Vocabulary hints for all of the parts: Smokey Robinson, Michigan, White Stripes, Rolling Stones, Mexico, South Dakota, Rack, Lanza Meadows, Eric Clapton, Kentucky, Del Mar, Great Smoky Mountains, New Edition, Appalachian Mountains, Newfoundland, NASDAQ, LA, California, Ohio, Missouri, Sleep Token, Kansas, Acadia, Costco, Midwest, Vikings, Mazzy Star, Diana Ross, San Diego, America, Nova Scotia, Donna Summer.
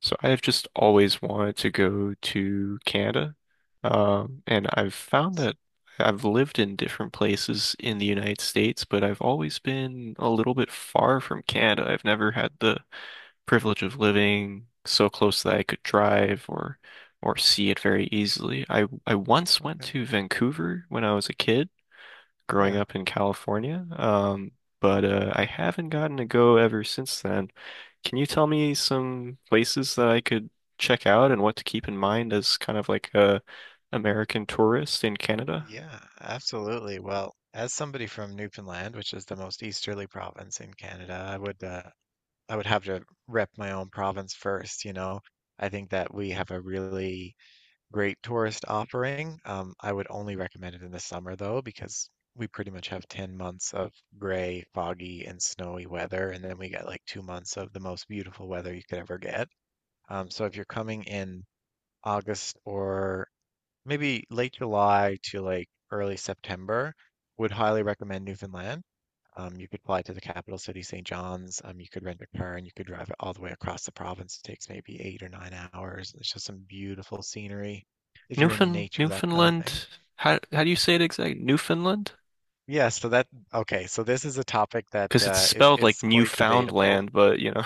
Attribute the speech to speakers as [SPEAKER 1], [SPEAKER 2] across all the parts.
[SPEAKER 1] So I've just always wanted to go to Canada. And I've found that I've lived in different places in the United States, but I've always been a little bit far from Canada. I've never had the privilege of living so close that I could drive or see it very easily. I once went
[SPEAKER 2] Okay.
[SPEAKER 1] to Vancouver when I was a kid growing
[SPEAKER 2] Yeah.
[SPEAKER 1] up in California. But I
[SPEAKER 2] Okay.
[SPEAKER 1] haven't gotten to go ever since then. Can you tell me some places that I could check out and what to keep in mind as kind of like a American tourist in Canada?
[SPEAKER 2] Yeah, absolutely. Well, as somebody from Newfoundland, which is the most easterly province in Canada, I would have to rep my own province first. I think that we have a really great tourist offering. I would only recommend it in the summer though, because we pretty much have 10 months of gray, foggy, and snowy weather, and then we get like 2 months of the most beautiful weather you could ever get. So if you're coming in August or maybe late July to like early September, would highly recommend Newfoundland. You could fly to the capital city, St. John's. You could rent a car and you could drive it all the way across the province. It takes maybe 8 or 9 hours. It's just some beautiful scenery if you're into nature, that kind of thing.
[SPEAKER 1] Newfoundland. How do you say it exactly? Newfoundland?
[SPEAKER 2] Yeah, so that okay, so this is a topic that
[SPEAKER 1] Because it's
[SPEAKER 2] is
[SPEAKER 1] spelled like
[SPEAKER 2] is quite debatable.
[SPEAKER 1] Newfoundland, but you know,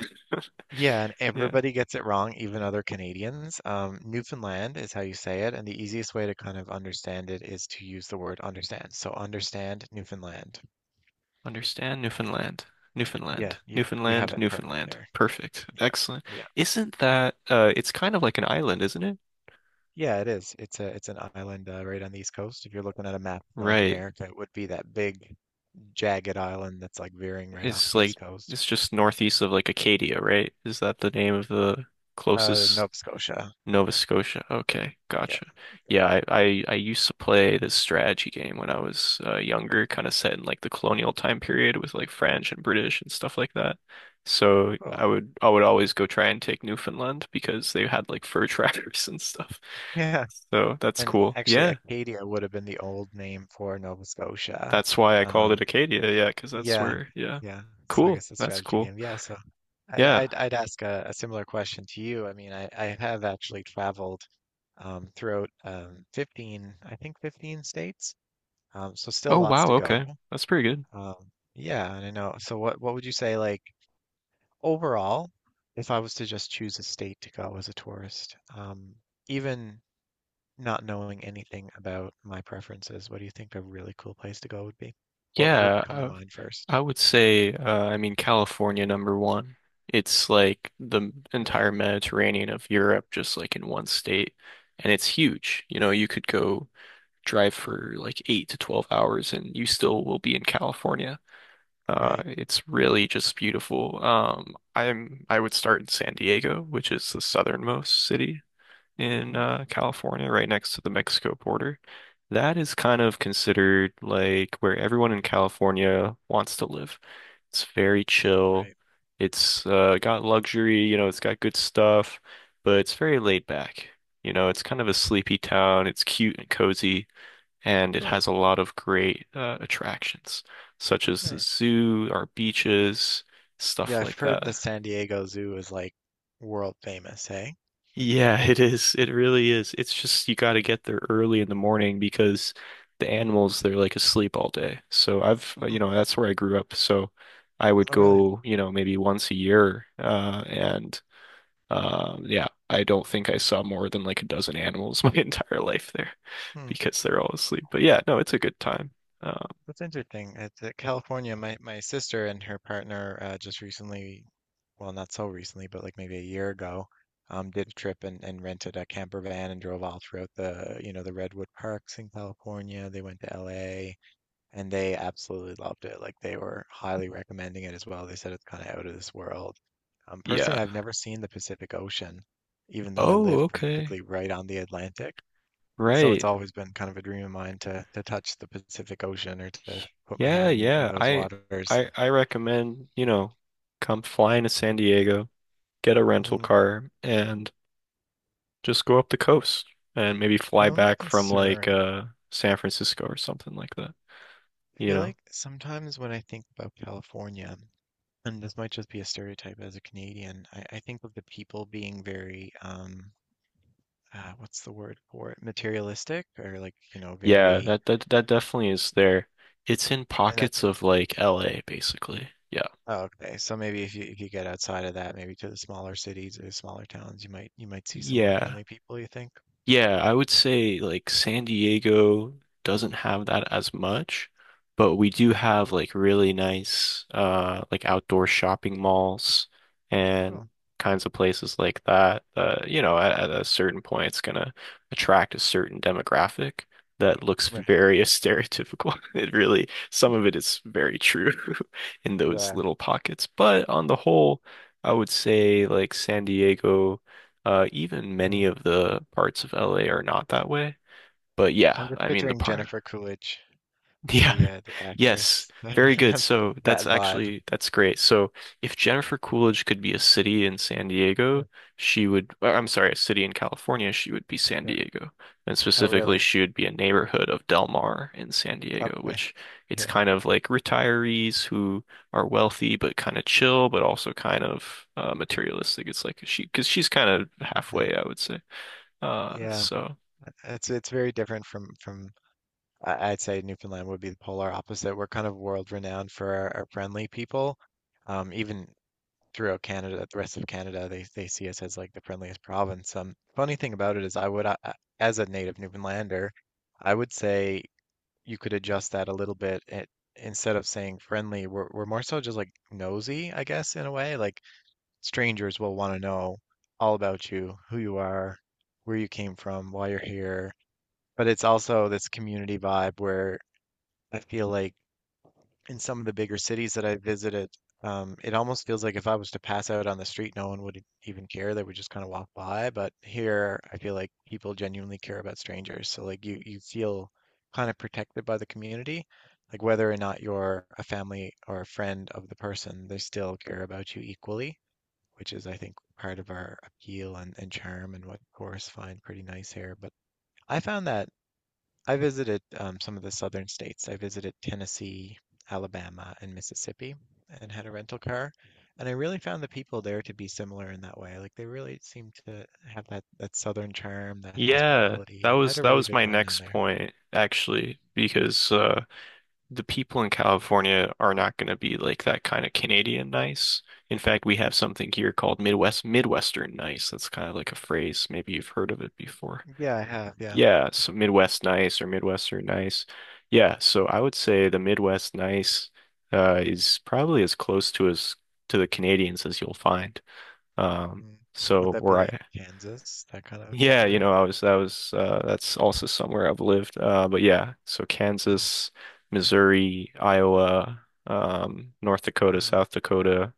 [SPEAKER 2] Yeah, and
[SPEAKER 1] yeah.
[SPEAKER 2] everybody gets it wrong, even other Canadians. Newfoundland is how you say it, and the easiest way to kind of understand it is to use the word understand. So understand Newfoundland.
[SPEAKER 1] Understand Newfoundland.
[SPEAKER 2] Yeah,
[SPEAKER 1] Newfoundland.
[SPEAKER 2] you
[SPEAKER 1] Newfoundland.
[SPEAKER 2] have it perfect
[SPEAKER 1] Newfoundland.
[SPEAKER 2] there.
[SPEAKER 1] Perfect.
[SPEAKER 2] Yeah,
[SPEAKER 1] Excellent.
[SPEAKER 2] yeah,
[SPEAKER 1] Isn't that it's kind of like an island, isn't it?
[SPEAKER 2] yeah. It is. It's an island right on the east coast. If you're looking at a map of North
[SPEAKER 1] Right.
[SPEAKER 2] America, it would be that big jagged island that's like veering right off
[SPEAKER 1] It's
[SPEAKER 2] the
[SPEAKER 1] like
[SPEAKER 2] east coast.
[SPEAKER 1] it's just northeast of like Acadia, right? Is that the name of the closest
[SPEAKER 2] Nova Scotia.
[SPEAKER 1] Nova Scotia. Okay,
[SPEAKER 2] Yeah,
[SPEAKER 1] gotcha. Yeah, I used to play this strategy game when I was younger, kind of set in like the colonial time period with like French and British and stuff like that. So
[SPEAKER 2] cool.
[SPEAKER 1] I would always go try and take Newfoundland because they had like fur trappers and stuff.
[SPEAKER 2] Yeah,
[SPEAKER 1] So that's
[SPEAKER 2] and
[SPEAKER 1] cool.
[SPEAKER 2] actually,
[SPEAKER 1] Yeah,
[SPEAKER 2] Acadia would have been the old name for Nova Scotia.
[SPEAKER 1] that's why I called it
[SPEAKER 2] Um,
[SPEAKER 1] Acadia. Yeah, because that's
[SPEAKER 2] Yeah,
[SPEAKER 1] where. Yeah,
[SPEAKER 2] yeah. So I
[SPEAKER 1] cool.
[SPEAKER 2] guess a
[SPEAKER 1] That's
[SPEAKER 2] strategy
[SPEAKER 1] cool.
[SPEAKER 2] game. Yeah. So I,
[SPEAKER 1] Yeah.
[SPEAKER 2] I'd I'd ask a similar question to you. I mean, I have actually traveled throughout 15, I think 15 states. So still
[SPEAKER 1] Oh
[SPEAKER 2] lots
[SPEAKER 1] wow.
[SPEAKER 2] to
[SPEAKER 1] Okay,
[SPEAKER 2] go.
[SPEAKER 1] that's pretty good.
[SPEAKER 2] Um, yeah, and I know. So what would you say, like, overall, if I was to just choose a state to go as a tourist, even not knowing anything about my preferences, what do you think a really cool place to go would be? What would
[SPEAKER 1] Yeah.
[SPEAKER 2] come to mind first?
[SPEAKER 1] I would say, I mean, California number one. It's like the
[SPEAKER 2] Really,
[SPEAKER 1] entire Mediterranean of Europe, just like in one state. And it's huge. You know, you could go drive for like eight to 12 hours and you still will be in California.
[SPEAKER 2] right?
[SPEAKER 1] It's really just beautiful. I would start in San Diego, which is the southernmost city in
[SPEAKER 2] Mm-hmm.
[SPEAKER 1] California, right next to the Mexico border. That is kind of considered like where everyone in California wants to live. It's very chill.
[SPEAKER 2] Right.
[SPEAKER 1] It's got luxury, you know, it's got good stuff, but it's very laid back. You know, it's kind of a sleepy town. It's cute and cozy, and it
[SPEAKER 2] Cool.
[SPEAKER 1] has a lot of great attractions, such as the
[SPEAKER 2] Nice.
[SPEAKER 1] zoo, our beaches,
[SPEAKER 2] Yeah,
[SPEAKER 1] stuff
[SPEAKER 2] I've
[SPEAKER 1] like
[SPEAKER 2] heard
[SPEAKER 1] that.
[SPEAKER 2] the San Diego Zoo is like world famous, hey?
[SPEAKER 1] Yeah, it is. It really is. It's just you got to get there early in the morning because the animals they're like asleep all day. So I've you
[SPEAKER 2] Mhm.
[SPEAKER 1] know that's where I grew up. So I would
[SPEAKER 2] Oh, really?
[SPEAKER 1] go you know maybe once a year, and yeah, I don't think I saw more than like a dozen animals my entire life there
[SPEAKER 2] Hmm.
[SPEAKER 1] because they're all asleep. But yeah, no, it's a good time. Um,
[SPEAKER 2] That's interesting. It's California. My sister and her partner just recently, well, not so recently, but like maybe a year ago, did a trip and rented a camper van and drove all throughout the Redwood parks in California. They went to LA, and they absolutely loved it. Like they were highly recommending it as well. They said it's kind of out of this world.
[SPEAKER 1] yeah.
[SPEAKER 2] Personally, I've never seen the Pacific Ocean, even though I
[SPEAKER 1] Oh,
[SPEAKER 2] live
[SPEAKER 1] okay.
[SPEAKER 2] practically right on the Atlantic. So it's
[SPEAKER 1] Right.
[SPEAKER 2] always been kind of a dream of mine to touch the Pacific Ocean or to put my
[SPEAKER 1] Yeah,
[SPEAKER 2] hand in
[SPEAKER 1] yeah.
[SPEAKER 2] those
[SPEAKER 1] I
[SPEAKER 2] waters.
[SPEAKER 1] I I recommend you know come flying to San Diego. Get a rental
[SPEAKER 2] Mm.
[SPEAKER 1] car and just go up the coast and maybe fly
[SPEAKER 2] Some of my
[SPEAKER 1] back from like
[SPEAKER 2] concern,
[SPEAKER 1] uh San Francisco or something like that.
[SPEAKER 2] I
[SPEAKER 1] You
[SPEAKER 2] feel
[SPEAKER 1] know?
[SPEAKER 2] like sometimes when I think about California, and this might just be a stereotype as a Canadian, I think of the people being very, what's the word for it? Materialistic, or, like,
[SPEAKER 1] Yeah,
[SPEAKER 2] very,
[SPEAKER 1] that definitely is there. It's in
[SPEAKER 2] and that.
[SPEAKER 1] pockets of like LA, basically. Yeah.
[SPEAKER 2] Oh, okay. So maybe if you get outside of that, maybe to the smaller cities or smaller towns, you might see some more
[SPEAKER 1] Yeah.
[SPEAKER 2] friendly people, you think?
[SPEAKER 1] Yeah, I would say like San Diego doesn't have that as much, but we do
[SPEAKER 2] Mm,
[SPEAKER 1] have like really nice like outdoor shopping malls
[SPEAKER 2] cool.
[SPEAKER 1] and kinds of places like that. You know, at a certain point it's gonna attract a certain demographic that looks
[SPEAKER 2] Right.
[SPEAKER 1] very stereotypical. It really, some of it is very true in those
[SPEAKER 2] Yeah,
[SPEAKER 1] little pockets, but on the whole, I would say like San Diego. Even
[SPEAKER 2] yeah.
[SPEAKER 1] many of the parts of LA are not that way. But
[SPEAKER 2] I'm
[SPEAKER 1] yeah,
[SPEAKER 2] just
[SPEAKER 1] I mean the
[SPEAKER 2] picturing
[SPEAKER 1] part.
[SPEAKER 2] Jennifer Coolidge,
[SPEAKER 1] Yeah.
[SPEAKER 2] the
[SPEAKER 1] Yes.
[SPEAKER 2] actress,
[SPEAKER 1] Very good. So that's
[SPEAKER 2] that vibe.
[SPEAKER 1] actually that's great. So if Jennifer Coolidge could be a city in San Diego,
[SPEAKER 2] Yeah.
[SPEAKER 1] she would, I'm sorry, a city in California, she would be San
[SPEAKER 2] Yeah.
[SPEAKER 1] Diego. And
[SPEAKER 2] Oh,
[SPEAKER 1] specifically,
[SPEAKER 2] really?
[SPEAKER 1] she would be a neighborhood of Del Mar in San Diego,
[SPEAKER 2] Okay.
[SPEAKER 1] which it's
[SPEAKER 2] Yeah.
[SPEAKER 1] kind of like retirees who are wealthy but kind of chill, but also kind of materialistic. It's like she, because she's kind of
[SPEAKER 2] Yeah.
[SPEAKER 1] halfway, I would say. Uh,
[SPEAKER 2] Yeah,
[SPEAKER 1] so
[SPEAKER 2] it's very different from I'd say Newfoundland would be the polar opposite. We're kind of world renowned for our friendly people. Even throughout Canada, the rest of Canada, they see us as like the friendliest province. Funny thing about it is, I would, as a native Newfoundlander, I would say you could adjust that a little bit. Instead of saying friendly, we're more so just like nosy, I guess, in a way. Like strangers will want to know all about you, who you are, where you came from, why you're here. But it's also this community vibe where I feel like in some of the bigger cities that I visited, it almost feels like if I was to pass out on the street, no one would even care. They would just kind of walk by. But here, I feel like people genuinely care about strangers. So, like, you feel kind of protected by the community, like whether or not you're a family or a friend of the person, they still care about you equally, which is, I think, part of our appeal and charm and what tourists find pretty nice here. But I found that I visited some of the southern states. I visited Tennessee, Alabama, and Mississippi and had a rental car. And I really found the people there to be similar in that way. Like they really seem to have that southern charm, that
[SPEAKER 1] yeah, that
[SPEAKER 2] hospitality. I
[SPEAKER 1] was
[SPEAKER 2] had a
[SPEAKER 1] that
[SPEAKER 2] really
[SPEAKER 1] was
[SPEAKER 2] good
[SPEAKER 1] my
[SPEAKER 2] time down
[SPEAKER 1] next
[SPEAKER 2] there.
[SPEAKER 1] point actually, because the people in California are not going to be like that kind of Canadian nice. In fact, we have something here called Midwestern nice. That's kind of like a phrase. Maybe you've heard of it before.
[SPEAKER 2] Yeah, I have. Yeah.
[SPEAKER 1] Yeah, so Midwest nice or Midwestern nice. Yeah, so I would say the Midwest nice is probably as close to as to the Canadians as you'll find. Um,
[SPEAKER 2] Mm, mm. Would
[SPEAKER 1] so
[SPEAKER 2] that be
[SPEAKER 1] where
[SPEAKER 2] like
[SPEAKER 1] I
[SPEAKER 2] Kansas, that kind of
[SPEAKER 1] Yeah, you know,
[SPEAKER 2] area?
[SPEAKER 1] I was that was that's also somewhere I've lived. But yeah, so
[SPEAKER 2] Mm,
[SPEAKER 1] Kansas, Missouri, Iowa, North Dakota,
[SPEAKER 2] mm,
[SPEAKER 1] South Dakota,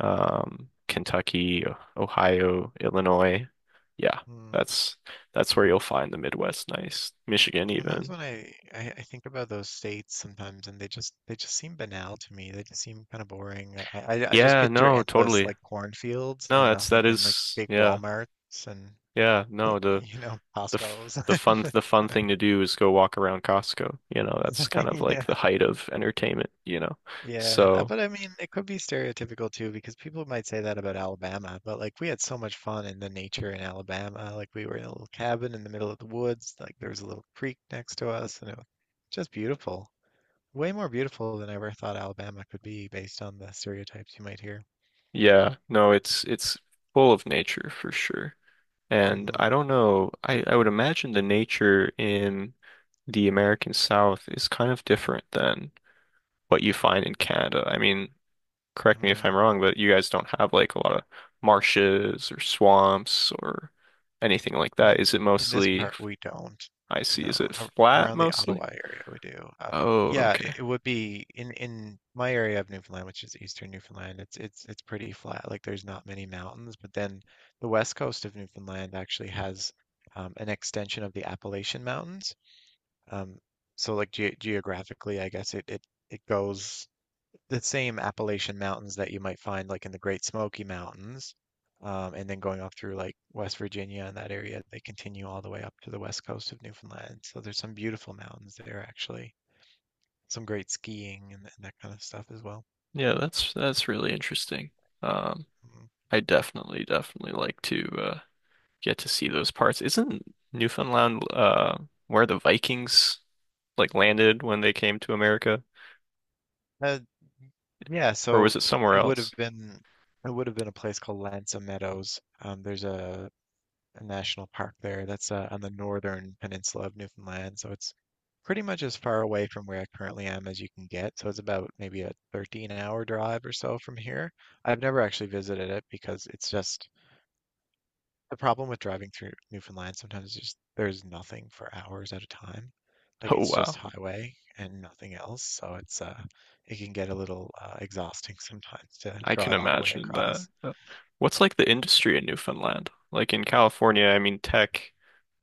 [SPEAKER 1] Kentucky, Ohio, Illinois. Yeah,
[SPEAKER 2] mm.
[SPEAKER 1] that's that's where you'll find the Midwest nice. Michigan
[SPEAKER 2] Sometimes
[SPEAKER 1] even.
[SPEAKER 2] when I think about those states sometimes and they just seem banal to me. They just seem kind of boring. I just
[SPEAKER 1] Yeah,
[SPEAKER 2] picture
[SPEAKER 1] no,
[SPEAKER 2] endless,
[SPEAKER 1] totally.
[SPEAKER 2] like, cornfields
[SPEAKER 1] No,
[SPEAKER 2] and
[SPEAKER 1] that's
[SPEAKER 2] nothing
[SPEAKER 1] that
[SPEAKER 2] and, like,
[SPEAKER 1] is
[SPEAKER 2] big
[SPEAKER 1] yeah.
[SPEAKER 2] Walmarts and,
[SPEAKER 1] Yeah, no,
[SPEAKER 2] like,
[SPEAKER 1] the
[SPEAKER 2] you know
[SPEAKER 1] the f
[SPEAKER 2] Costcos.
[SPEAKER 1] the fun the fun thing to do is go walk around Costco. You know, that's kind of like
[SPEAKER 2] Yeah,
[SPEAKER 1] the height of entertainment, you know.
[SPEAKER 2] yeah. Uh,
[SPEAKER 1] So,
[SPEAKER 2] But I mean, it could be stereotypical too because people might say that about Alabama. But like we had so much fun in the nature in Alabama. Like we were in a little cabin in the middle of the woods. Like there was a little creek next to us and it was just beautiful. Way more beautiful than I ever thought Alabama could be based on the stereotypes you might hear.
[SPEAKER 1] yeah, no, it's full of nature for sure.
[SPEAKER 2] mm
[SPEAKER 1] And I
[SPEAKER 2] hmm
[SPEAKER 1] don't know, I would imagine the nature in the American South is kind of different than what you find in Canada. I mean,
[SPEAKER 2] mm
[SPEAKER 1] correct me if
[SPEAKER 2] hmm
[SPEAKER 1] I'm wrong, but you guys don't have like a lot of marshes or swamps or anything like that.
[SPEAKER 2] In
[SPEAKER 1] Is it
[SPEAKER 2] in this
[SPEAKER 1] mostly,
[SPEAKER 2] part we don't.
[SPEAKER 1] I see,
[SPEAKER 2] No,
[SPEAKER 1] is it flat
[SPEAKER 2] around the
[SPEAKER 1] mostly?
[SPEAKER 2] Ottawa area we do.
[SPEAKER 1] Oh,
[SPEAKER 2] Yeah, it,
[SPEAKER 1] okay.
[SPEAKER 2] it would be in my area of Newfoundland, which is eastern Newfoundland. It's pretty flat. Like there's not many mountains, but then the west coast of Newfoundland actually has an extension of the Appalachian Mountains. Um, so like ge geographically, I guess it goes the same Appalachian mountains that you might find like in the Great Smoky Mountains, and then going off through like West Virginia and that area, they continue all the way up to the west coast of Newfoundland. So there's some beautiful mountains there actually, some great skiing and that kind of stuff as well.
[SPEAKER 1] Yeah, that's really interesting. Um,
[SPEAKER 2] Mhm.
[SPEAKER 1] I definitely, definitely like to get to see those parts. Isn't Newfoundland where the Vikings like landed when they came to America?
[SPEAKER 2] Uh, yeah,
[SPEAKER 1] Or
[SPEAKER 2] so
[SPEAKER 1] was it somewhere
[SPEAKER 2] it would have
[SPEAKER 1] else?
[SPEAKER 2] been it would have been a place called Lanza Meadows. There's a national park there. That's on the northern peninsula of Newfoundland, so it's pretty much as far away from where I currently am as you can get. So it's about maybe a 13-hour drive or so from here. I've never actually visited it because it's just the problem with driving through Newfoundland sometimes is just there's nothing for hours at a time. Like
[SPEAKER 1] Oh
[SPEAKER 2] it's just
[SPEAKER 1] wow.
[SPEAKER 2] highway and nothing else, so it can get a little exhausting sometimes to
[SPEAKER 1] I can
[SPEAKER 2] drive all the way
[SPEAKER 1] imagine that.
[SPEAKER 2] across.
[SPEAKER 1] What's like the industry in Newfoundland? Like in California, I mean tech,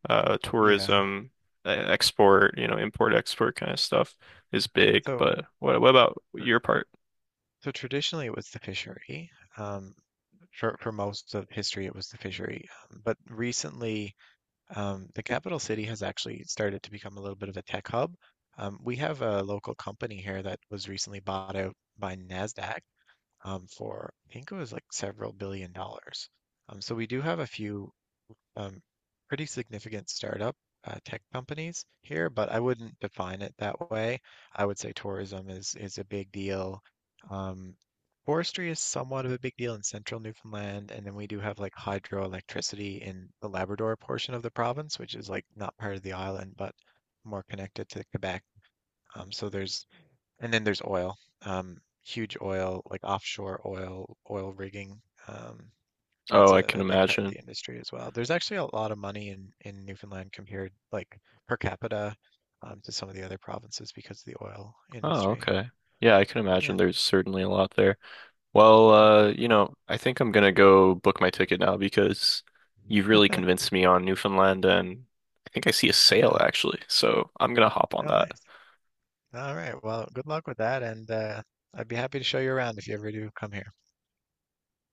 [SPEAKER 2] Yeah.
[SPEAKER 1] tourism, export, you know, import export kind of stuff is big,
[SPEAKER 2] So
[SPEAKER 1] but what about
[SPEAKER 2] er,
[SPEAKER 1] your part?
[SPEAKER 2] so traditionally it was the fishery. Um, for most of history, it was the fishery. But recently, the capital city has actually started to become a little bit of a tech hub. We have a local company here that was recently bought out by NASDAQ for, I think it was like several billion dollars. So we do have a few um, pretty significant startup tech companies here, but I wouldn't define it that way. I would say tourism is a big deal. Um, Forestry is somewhat of a big deal in central Newfoundland, and then we do have like hydroelectricity in the Labrador portion of the province, which is like not part of the island, but more connected to Quebec. So there's and then there's oil, um, huge oil, like offshore oil, oil rigging. Um, that's
[SPEAKER 1] Oh, I
[SPEAKER 2] a,
[SPEAKER 1] can
[SPEAKER 2] a big part of
[SPEAKER 1] imagine.
[SPEAKER 2] the industry as well. There's actually a lot of money in Newfoundland compared, like, per capita, to some of the other provinces because of the oil
[SPEAKER 1] Oh,
[SPEAKER 2] industry.
[SPEAKER 1] okay. Yeah, I can
[SPEAKER 2] Yeah,
[SPEAKER 1] imagine there's certainly a lot there. Well,
[SPEAKER 2] absolutely.
[SPEAKER 1] you know, I think I'm gonna go book my ticket now because you've really
[SPEAKER 2] Y-
[SPEAKER 1] convinced me on Newfoundland and I think I see a sale
[SPEAKER 2] Yeah.
[SPEAKER 1] actually, so I'm gonna hop on
[SPEAKER 2] Oh,
[SPEAKER 1] that.
[SPEAKER 2] nice. All right. Well, good luck with that, and I'd be happy to show you around if you ever do come here.